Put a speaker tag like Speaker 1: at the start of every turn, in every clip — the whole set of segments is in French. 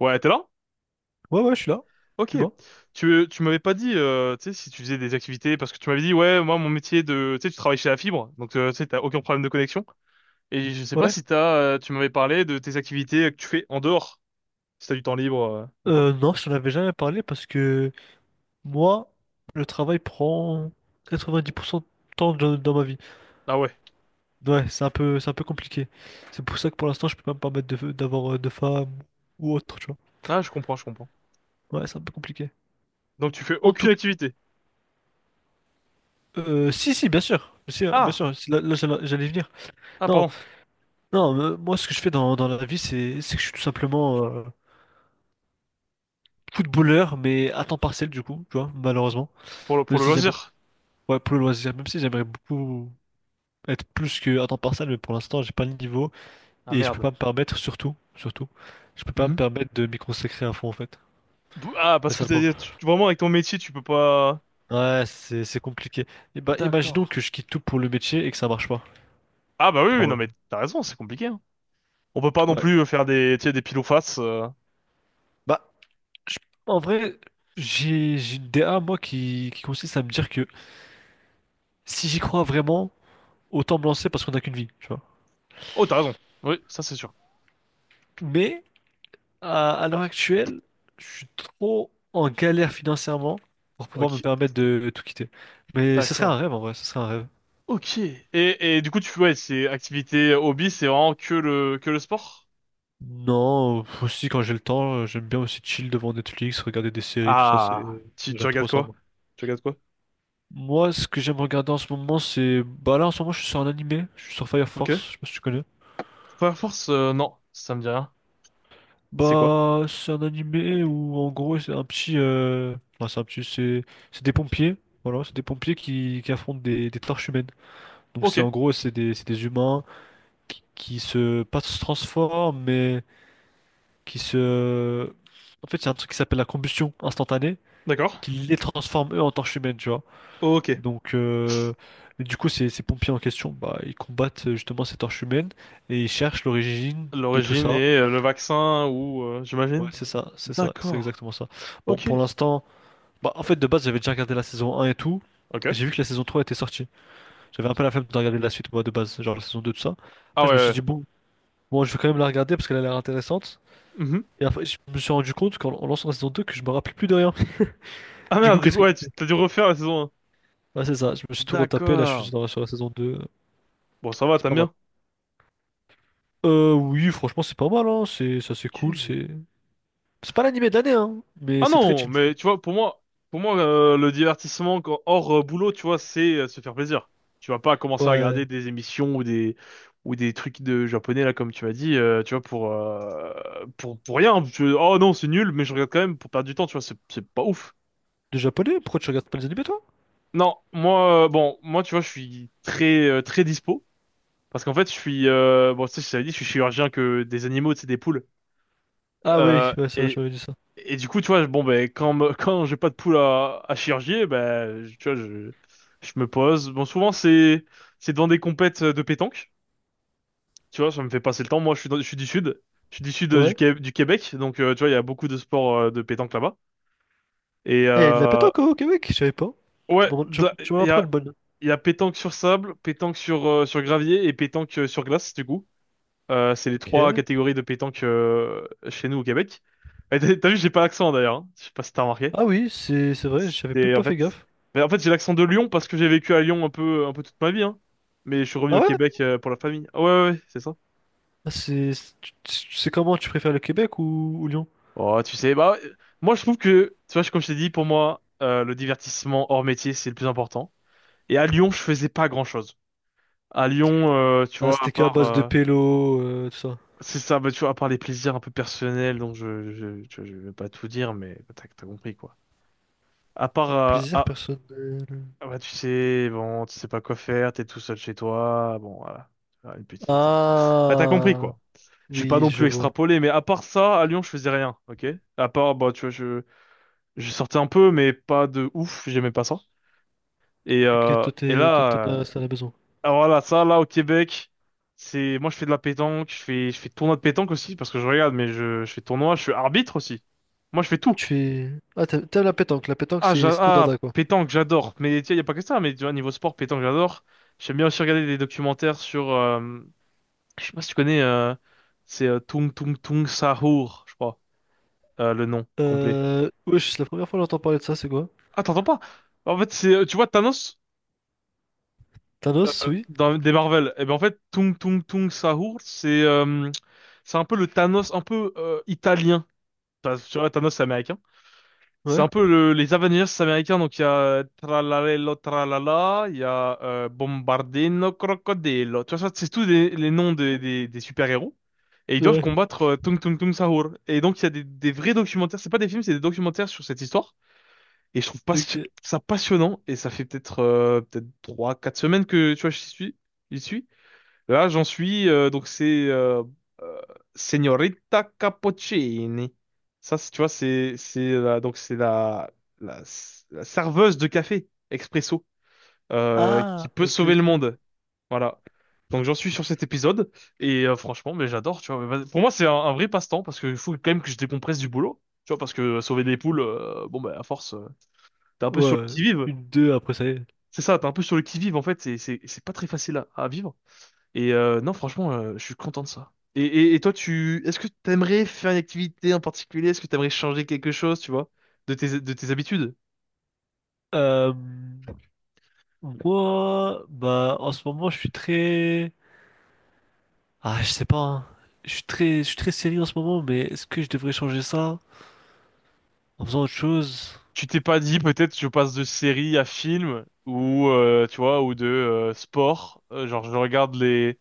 Speaker 1: Ouais, t'es là?
Speaker 2: Ouais, ouais, je suis là.
Speaker 1: Ok.
Speaker 2: Dis-moi.
Speaker 1: Tu m'avais pas dit, tu sais, si tu faisais des activités, parce que tu m'avais dit, ouais, moi, mon métier de, tu sais, tu travailles chez la fibre, donc, tu sais, t'as aucun problème de connexion. Et je sais pas
Speaker 2: Ouais.
Speaker 1: si t'as, tu m'avais parlé de tes activités que tu fais en dehors, si t'as du temps libre, ou quoi.
Speaker 2: Non, je t'en avais jamais parlé parce que moi, le travail prend 90% de temps dans ma vie.
Speaker 1: Ah ouais.
Speaker 2: Ouais, c'est un peu compliqué. C'est pour ça que pour l'instant, je peux pas me permettre d'avoir de femme ou autre, tu vois.
Speaker 1: Ah, je comprends, je comprends.
Speaker 2: Ouais, c'est un peu compliqué.
Speaker 1: Donc, tu fais
Speaker 2: En
Speaker 1: aucune
Speaker 2: tout cas,
Speaker 1: activité.
Speaker 2: si, si, bien sûr. Si, hein, bien
Speaker 1: Ah!
Speaker 2: sûr, si, là, là, j'allais y venir.
Speaker 1: Ah,
Speaker 2: Non,
Speaker 1: pardon.
Speaker 2: non, moi, ce que je fais dans la vie, c'est que je suis tout simplement footballeur, mais à temps partiel, du coup, tu vois, malheureusement.
Speaker 1: Pour le, pour
Speaker 2: Même
Speaker 1: le
Speaker 2: si j'aimerais,
Speaker 1: loisir.
Speaker 2: ouais, pour le loisir, même si j'aimerais beaucoup. Être plus que à temps partiel, mais pour l'instant, j'ai pas le niveau
Speaker 1: Ah,
Speaker 2: et je peux
Speaker 1: merde.
Speaker 2: pas me permettre, surtout, surtout, je peux pas me
Speaker 1: Mhm.
Speaker 2: permettre de m'y consacrer à fond en fait.
Speaker 1: Ah,
Speaker 2: C'est
Speaker 1: parce que
Speaker 2: ça le problème.
Speaker 1: vraiment, avec ton métier, tu peux pas...
Speaker 2: Ouais, c'est compliqué. Et bah, imaginons que
Speaker 1: D'accord.
Speaker 2: je quitte tout pour le métier et que ça marche pas.
Speaker 1: Ah, bah oui, oui, non, mais
Speaker 2: Bon,
Speaker 1: t'as raison, c'est compliqué, hein. On peut pas non
Speaker 2: ouais.
Speaker 1: plus faire des, tu sais, des pile ou face.
Speaker 2: Bah, je- En vrai, j'ai une DA moi qui consiste à me dire que si j'y crois vraiment, autant me lancer parce qu'on n'a qu'une vie, tu vois.
Speaker 1: Oh, t'as raison. Oui, ça c'est sûr.
Speaker 2: Mais À, à l'heure actuelle, je suis trop en galère financièrement pour pouvoir me
Speaker 1: Ok,
Speaker 2: permettre de tout quitter. Mais ce serait
Speaker 1: d'accord.
Speaker 2: un rêve en vrai, ce serait un rêve.
Speaker 1: Ok. Et du coup, tu ouais, c'est activité hobby, c'est vraiment que le sport?
Speaker 2: Non, aussi quand j'ai le temps, j'aime bien aussi chill devant Netflix, regarder des séries, tout ça,
Speaker 1: Ah,
Speaker 2: c'est
Speaker 1: tu
Speaker 2: j'aime trop
Speaker 1: regardes
Speaker 2: ça
Speaker 1: quoi?
Speaker 2: moi.
Speaker 1: Tu regardes quoi?
Speaker 2: Moi, ce que j'aime regarder en ce moment, c'est bah là en ce moment, je suis sur un animé, je suis sur Fire
Speaker 1: Ok.
Speaker 2: Force, je sais pas si tu connais.
Speaker 1: Fire Force, non, ça me dit rien. C'est quoi?
Speaker 2: Bah, c'est un animé où en gros, c'est un petit enfin, c'est un petit c'est des pompiers, voilà, c'est des pompiers qui affrontent des torches humaines. Donc
Speaker 1: Ok,
Speaker 2: c'est en gros c'est des humains qui se pas se transforment mais qui se en fait il y a un truc qui s'appelle la combustion instantanée
Speaker 1: d'accord.
Speaker 2: qui les transforme eux en torches humaines tu vois.
Speaker 1: Ok.
Speaker 2: Donc et du coup ces, ces pompiers en question bah ils combattent justement ces torches humaines et ils cherchent l'origine de tout
Speaker 1: L'origine
Speaker 2: ça.
Speaker 1: et le vaccin ou
Speaker 2: Ouais
Speaker 1: j'imagine?
Speaker 2: c'est ça c'est
Speaker 1: D'accord.
Speaker 2: exactement ça. Bon
Speaker 1: Ok.
Speaker 2: pour l'instant bah en fait de base j'avais déjà regardé la saison un et tout.
Speaker 1: Ok.
Speaker 2: J'ai vu que la saison 3 était sortie. J'avais un peu la flemme de regarder la suite moi de base genre la saison 2 tout ça.
Speaker 1: Ah
Speaker 2: Après je me suis
Speaker 1: ouais.
Speaker 2: dit bon. Bon, je vais quand même la regarder parce qu'elle a l'air intéressante.
Speaker 1: Ouais. Mhm.
Speaker 2: Et après, je me suis rendu compte qu'en en lançant la saison 2, que je me rappelais plus de rien.
Speaker 1: Ah
Speaker 2: Du coup,
Speaker 1: merde, du
Speaker 2: qu'est-ce
Speaker 1: coup,
Speaker 2: que tu
Speaker 1: ouais,
Speaker 2: fais?
Speaker 1: t'as dû refaire la saison 1.
Speaker 2: Ah, c'est ça, je me suis tout retapé. Là, je suis
Speaker 1: D'accord.
Speaker 2: sur la saison 2.
Speaker 1: Bon, ça va,
Speaker 2: C'est
Speaker 1: t'aimes
Speaker 2: pas mal.
Speaker 1: bien.
Speaker 2: Oui, franchement, c'est pas mal, hein. C'est ça, c'est
Speaker 1: Ok.
Speaker 2: cool. C'est pas l'animé de l'année, hein. Mais
Speaker 1: Ah
Speaker 2: c'est très
Speaker 1: non,
Speaker 2: chill.
Speaker 1: mais tu vois, pour moi, le divertissement hors boulot, tu vois, c'est se faire plaisir. Tu vas pas commencer à
Speaker 2: Ouais.
Speaker 1: regarder des émissions ou des trucs de japonais là, comme tu m'as dit, tu vois, pour rien. Oh non, c'est nul, mais je regarde quand même pour perdre du temps, tu vois, c'est pas ouf.
Speaker 2: De japonais? Pourquoi tu regardes pas les animés, toi?
Speaker 1: Non, moi, bon, moi, tu vois, je suis très très dispo parce qu'en fait, je suis bon, tu sais, je t'avais dit, je suis chirurgien que des animaux, c'est des poules.
Speaker 2: Ah, oui,
Speaker 1: Euh,
Speaker 2: ouais, c'est vrai, tu
Speaker 1: et
Speaker 2: m'avais dit ça.
Speaker 1: Et du coup, tu vois, bon, ben, quand j'ai pas de poule à chirurgier, ben, tu vois, je me pose. Bon, souvent, c'est devant des compètes de pétanque. Tu vois, ça me fait passer le temps. Moi, je suis du sud. Je suis du sud
Speaker 2: Ouais.
Speaker 1: Du Québec. Donc, tu vois, il y a beaucoup de sports de pétanque là-bas. Et,
Speaker 2: Ah, il y a de la pétanque hein, au Québec, je savais pas.
Speaker 1: ouais,
Speaker 2: Tu m'en
Speaker 1: il y
Speaker 2: apprends
Speaker 1: a,
Speaker 2: une bonne.
Speaker 1: il y a pétanque sur sable, pétanque sur gravier et pétanque sur glace, du coup. C'est les
Speaker 2: Ok.
Speaker 1: trois catégories de pétanque chez nous au Québec. Et t'as vu, j'ai pas l'accent d'ailleurs, hein. Je sais pas si t'as remarqué.
Speaker 2: Ah, oui, c'est vrai, j'avais même
Speaker 1: C'est en
Speaker 2: pas fait
Speaker 1: fait,
Speaker 2: gaffe.
Speaker 1: mais en fait, j'ai l'accent de Lyon parce que j'ai vécu à Lyon un peu toute ma vie, hein. Mais je suis revenu
Speaker 2: Ah,
Speaker 1: au
Speaker 2: ouais?
Speaker 1: Québec pour la famille. Ah ouais, ouais, ouais, c'est ça.
Speaker 2: Tu sais comment tu préfères le Québec ou Lyon?
Speaker 1: Oh, tu sais, bah, moi, je trouve que, tu vois, comme je t'ai dit, pour moi, le divertissement hors métier, c'est le plus important. Et à Lyon, je faisais pas grand-chose. À Lyon, tu
Speaker 2: Ah,
Speaker 1: vois, à
Speaker 2: c'était qu'à
Speaker 1: part,
Speaker 2: base de pélo, tout ça.
Speaker 1: c'est ça, bah, tu vois, à part les plaisirs un peu personnels, donc je vais pas tout dire, mais bah, t'as compris, quoi. À part,
Speaker 2: Plaisir
Speaker 1: ah,
Speaker 2: personnel.
Speaker 1: ah, bah, tu sais, bon, tu sais pas quoi faire, t'es tout seul chez toi, bon, voilà. Faire une petite. Là, t'as compris,
Speaker 2: Ah,
Speaker 1: quoi. Je suis pas
Speaker 2: oui,
Speaker 1: non
Speaker 2: je
Speaker 1: plus
Speaker 2: vois.
Speaker 1: extrapolé, mais à part ça, à Lyon, je faisais rien, ok? À part, bah, tu vois, je sortais un peu, mais pas de ouf, j'aimais pas ça. Et,
Speaker 2: Ok,
Speaker 1: euh, et
Speaker 2: toi,
Speaker 1: là,
Speaker 2: t'en as besoin.
Speaker 1: alors voilà, ça, là, au Québec, c'est, moi, je fais de la pétanque, je fais tournoi de pétanque aussi, parce que je regarde, mais je fais tournoi, je suis arbitre aussi. Moi, je fais tout.
Speaker 2: Tu fais... Ah, t'aimes la pétanque. La pétanque,
Speaker 1: Ah,
Speaker 2: c'est c'est ton
Speaker 1: ah,
Speaker 2: dada, quoi.
Speaker 1: pétanque, j'adore. Mais, tu sais, y a pas que ça, mais, tu vois, niveau sport, pétanque, j'adore. J'aime bien aussi regarder des documentaires sur, je sais pas si tu connais, c'est Tung Tung Tung Sahur, je crois. Le nom complet.
Speaker 2: Wesh, c'est la première fois que j'entends parler de ça, c'est quoi?
Speaker 1: Ah, t'entends pas? En fait, c'est, tu vois, Thanos, euh,
Speaker 2: Thanos, oui?
Speaker 1: dans des Marvel, et ben en fait, Tung Tung Tung Sahur, c'est un peu le Thanos un peu italien. Enfin, tu vois, Thanos, c'est américain. C'est
Speaker 2: Ouais?
Speaker 1: un peu les Avengers américains, donc il y a Tralalelo Tralala, il y a Bombardino Crocodilo. Tu vois, ça, c'est tous les noms des super-héros. Et ils doivent
Speaker 2: Ouais.
Speaker 1: combattre Tung Tung Tung Sahur. Et donc, il y a des vrais documentaires, c'est pas des films, c'est des documentaires sur cette histoire. Et je trouve pas
Speaker 2: Ok.
Speaker 1: ça passionnant. Et ça fait peut-être 3, 4 semaines que tu vois, j'y suis. J'y suis. Là, j'en suis. Donc c'est euh, Signorita Cappuccini. Ça, tu vois, donc c'est la la serveuse de café expresso qui
Speaker 2: Ah,
Speaker 1: peut
Speaker 2: ok,
Speaker 1: sauver le
Speaker 2: ok.
Speaker 1: monde. Voilà. Donc j'en suis sur cet épisode et franchement mais j'adore tu vois. Mais pour moi c'est un vrai passe-temps parce qu'il faut quand même que je décompresse du boulot, tu vois, parce que sauver des poules, bon bah à force. T'es un peu sur le
Speaker 2: Ouais,
Speaker 1: qui-vive.
Speaker 2: une, deux, après, ça y est.
Speaker 1: C'est ça, t'es un peu sur le qui-vive, en fait. C'est pas très facile à vivre. Et non, franchement, je suis content de ça. Et toi, est-ce que t'aimerais faire une activité en particulier? Est-ce que t'aimerais changer quelque chose, tu vois, de tes habitudes?
Speaker 2: Euh... Moi, bah, en ce moment, je suis très... Ah, je sais pas, hein. Je suis très sérieux en ce moment, mais est-ce que je devrais changer ça en faisant autre chose?
Speaker 1: Tu t'es pas dit peut-être je passe de série à film ou tu vois ou de sport genre je regarde les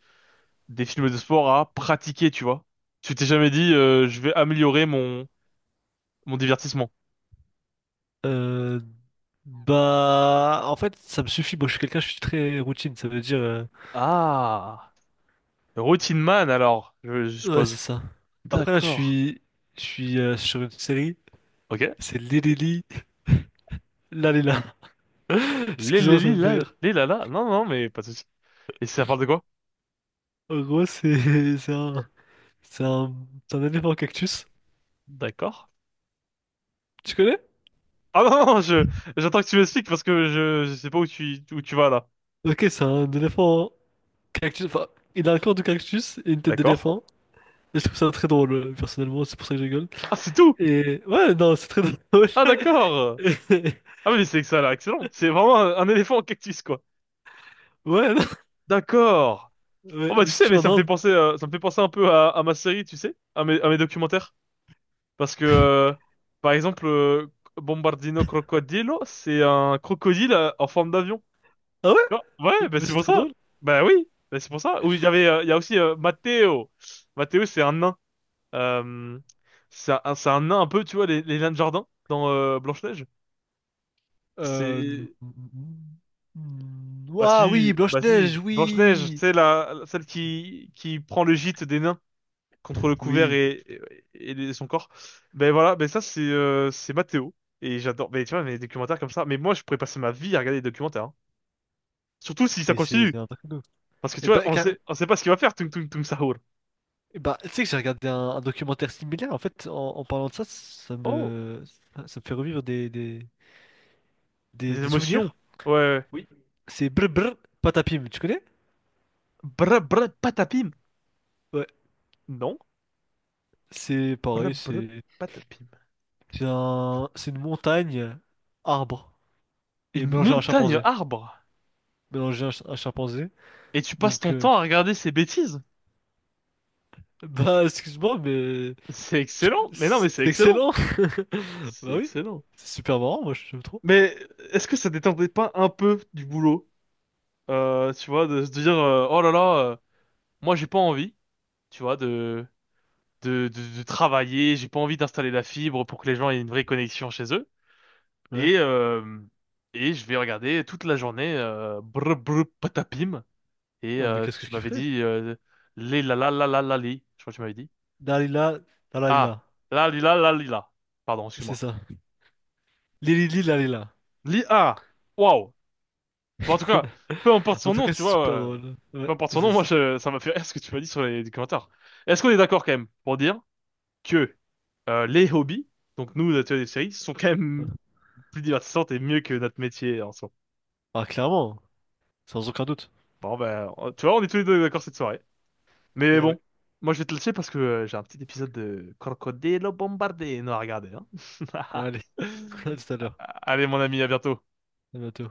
Speaker 1: des films de sport à pratiquer, tu vois, tu t'es jamais dit je vais améliorer mon divertissement.
Speaker 2: Euh, Bah, en fait, ça me suffit. Moi, je suis quelqu'un, je suis très routine. Ça veut dire,
Speaker 1: Ah, routine man alors je
Speaker 2: ouais, c'est
Speaker 1: suppose.
Speaker 2: ça. Après, là,
Speaker 1: D'accord.
Speaker 2: je suis sur une série.
Speaker 1: Ok.
Speaker 2: C'est Lelili, là, là, là.
Speaker 1: Les, les,
Speaker 2: Excuse-moi, ça
Speaker 1: les,
Speaker 2: me fait
Speaker 1: la,
Speaker 2: rire.
Speaker 1: les, la, la. Non, non, mais pas de souci. Et ça parle de quoi?
Speaker 2: En gros, c'est, c'est un, c'est un éléphant cactus.
Speaker 1: D'accord.
Speaker 2: Tu connais?
Speaker 1: Ah non, non, j'attends que tu m'expliques parce que je sais pas où tu vas là.
Speaker 2: Ok, c'est un éléphant cactus. Enfin, il a un corps de cactus et une tête
Speaker 1: D'accord.
Speaker 2: d'éléphant. Et je trouve ça très drôle, personnellement, c'est pour ça que je rigole.
Speaker 1: Ah, c'est tout!
Speaker 2: Et ouais, non, c'est très drôle.
Speaker 1: Ah, d'accord!
Speaker 2: Et-
Speaker 1: Ah, mais c'est que ça, là, excellent. C'est vraiment un éléphant en cactus, quoi.
Speaker 2: ouais, non,
Speaker 1: D'accord. Oh,
Speaker 2: ouais,
Speaker 1: bah,
Speaker 2: il
Speaker 1: tu
Speaker 2: est
Speaker 1: sais,
Speaker 2: situé
Speaker 1: mais
Speaker 2: en
Speaker 1: ça me fait
Speaker 2: Inde.
Speaker 1: penser, ça me fait penser un peu à ma série, tu sais, à mes documentaires. Parce que, par exemple, Bombardino Crocodilo, c'est un crocodile en forme d'avion.
Speaker 2: Ah
Speaker 1: Non,
Speaker 2: ouais?
Speaker 1: ouais, bah
Speaker 2: Mais
Speaker 1: c'est
Speaker 2: c'est
Speaker 1: pour
Speaker 2: très
Speaker 1: ça.
Speaker 2: drôle.
Speaker 1: Bah oui, bah c'est pour ça. Ou il y avait, il y a aussi Matteo. Matteo, c'est un nain. Euh, c'est un nain un peu, tu vois, les nains de jardin dans Blanche-Neige.
Speaker 2: Euh...
Speaker 1: C'est, bah
Speaker 2: Ah oui,
Speaker 1: si, bah
Speaker 2: Blanche-Neige,
Speaker 1: si. Blanche-Neige,
Speaker 2: oui!
Speaker 1: c'est celle qui prend le gîte des nains contre le couvert
Speaker 2: Oui,
Speaker 1: et son corps. Ben voilà, ben ça c'est Matteo. Et j'adore, mais tu vois, mes documentaires comme ça. Mais moi, je pourrais passer ma vie à regarder des documentaires, hein. Surtout si ça
Speaker 2: et c'est
Speaker 1: continue.
Speaker 2: c'est un truc de ouf.
Speaker 1: Parce que
Speaker 2: Et
Speaker 1: tu vois,
Speaker 2: bah,
Speaker 1: on
Speaker 2: car...
Speaker 1: sait, on sait pas ce qu'il va faire, Tung Tung Tung Sahur.
Speaker 2: et bah, tu sais que j'ai regardé un documentaire similaire, en fait, en parlant de ça,
Speaker 1: Oh,
Speaker 2: ça, ça me fait revivre
Speaker 1: des
Speaker 2: des
Speaker 1: émotions.
Speaker 2: souvenirs.
Speaker 1: Ouais. Ouais.
Speaker 2: Oui. C'est Brr Brr Patapim, tu connais?
Speaker 1: Bra bra patapim.
Speaker 2: Ouais,
Speaker 1: Non.
Speaker 2: c'est
Speaker 1: Bra
Speaker 2: pareil,
Speaker 1: bra
Speaker 2: c'est.
Speaker 1: patapim.
Speaker 2: C'est un... c'est une montagne, arbre, et
Speaker 1: Une
Speaker 2: mélanger à un
Speaker 1: montagne
Speaker 2: chimpanzé.
Speaker 1: arbre.
Speaker 2: Mélanger à un, un chimpanzé.
Speaker 1: Et tu passes
Speaker 2: Donc,
Speaker 1: ton temps à regarder ces bêtises.
Speaker 2: bah, excuse-moi, mais
Speaker 1: C'est excellent. Mais non, mais
Speaker 2: c'est
Speaker 1: c'est excellent.
Speaker 2: excellent.
Speaker 1: C'est
Speaker 2: Bah oui,
Speaker 1: excellent.
Speaker 2: c'est super marrant, moi, j'aime trop.
Speaker 1: Mais est-ce que ça détendait pas un peu du boulot? Tu vois, de se dire, oh là là, moi j'ai pas envie, tu vois, de travailler, j'ai pas envie d'installer la fibre pour que les gens aient une vraie connexion chez eux.
Speaker 2: Ouais.
Speaker 1: Et, euh, et je vais regarder toute la journée brr brr patapim. Et
Speaker 2: Ah, mais qu'est-ce que
Speaker 1: tu
Speaker 2: je
Speaker 1: m'avais
Speaker 2: kifferais?
Speaker 1: dit li la la la la la li. Je crois que tu m'avais dit.
Speaker 2: Dalila,
Speaker 1: Ah,
Speaker 2: Dalalila,
Speaker 1: la li la la li la. Pardon,
Speaker 2: c'est
Speaker 1: excuse-moi.
Speaker 2: ça. Lili Lalila.
Speaker 1: Li ah, waouh. Bon, en tout cas, peu importe
Speaker 2: En
Speaker 1: son
Speaker 2: tout
Speaker 1: nom,
Speaker 2: cas,
Speaker 1: tu
Speaker 2: c'est
Speaker 1: vois.
Speaker 2: super drôle. Ouais,
Speaker 1: Peu importe son
Speaker 2: c'est...
Speaker 1: nom, moi
Speaker 2: ça.
Speaker 1: je, ça m'a fait rire ce que tu m'as dit sur les commentaires. Est-ce qu'on est d'accord quand même pour dire que les hobbies, donc nous, notre des séries, sont quand même plus divertissantes et mieux que notre métier en soi.
Speaker 2: Ah, clairement, sans aucun doute.
Speaker 1: Bon ben, tu vois, on est tous les deux d'accord cette soirée. Mais
Speaker 2: Eh oui.
Speaker 1: bon, moi je vais te laisser parce que j'ai un petit épisode de Crocodilo Bombardé non à regarder, hein.
Speaker 2: Allez, à tout à l'heure.
Speaker 1: Allez mon ami, à bientôt.
Speaker 2: À bientôt.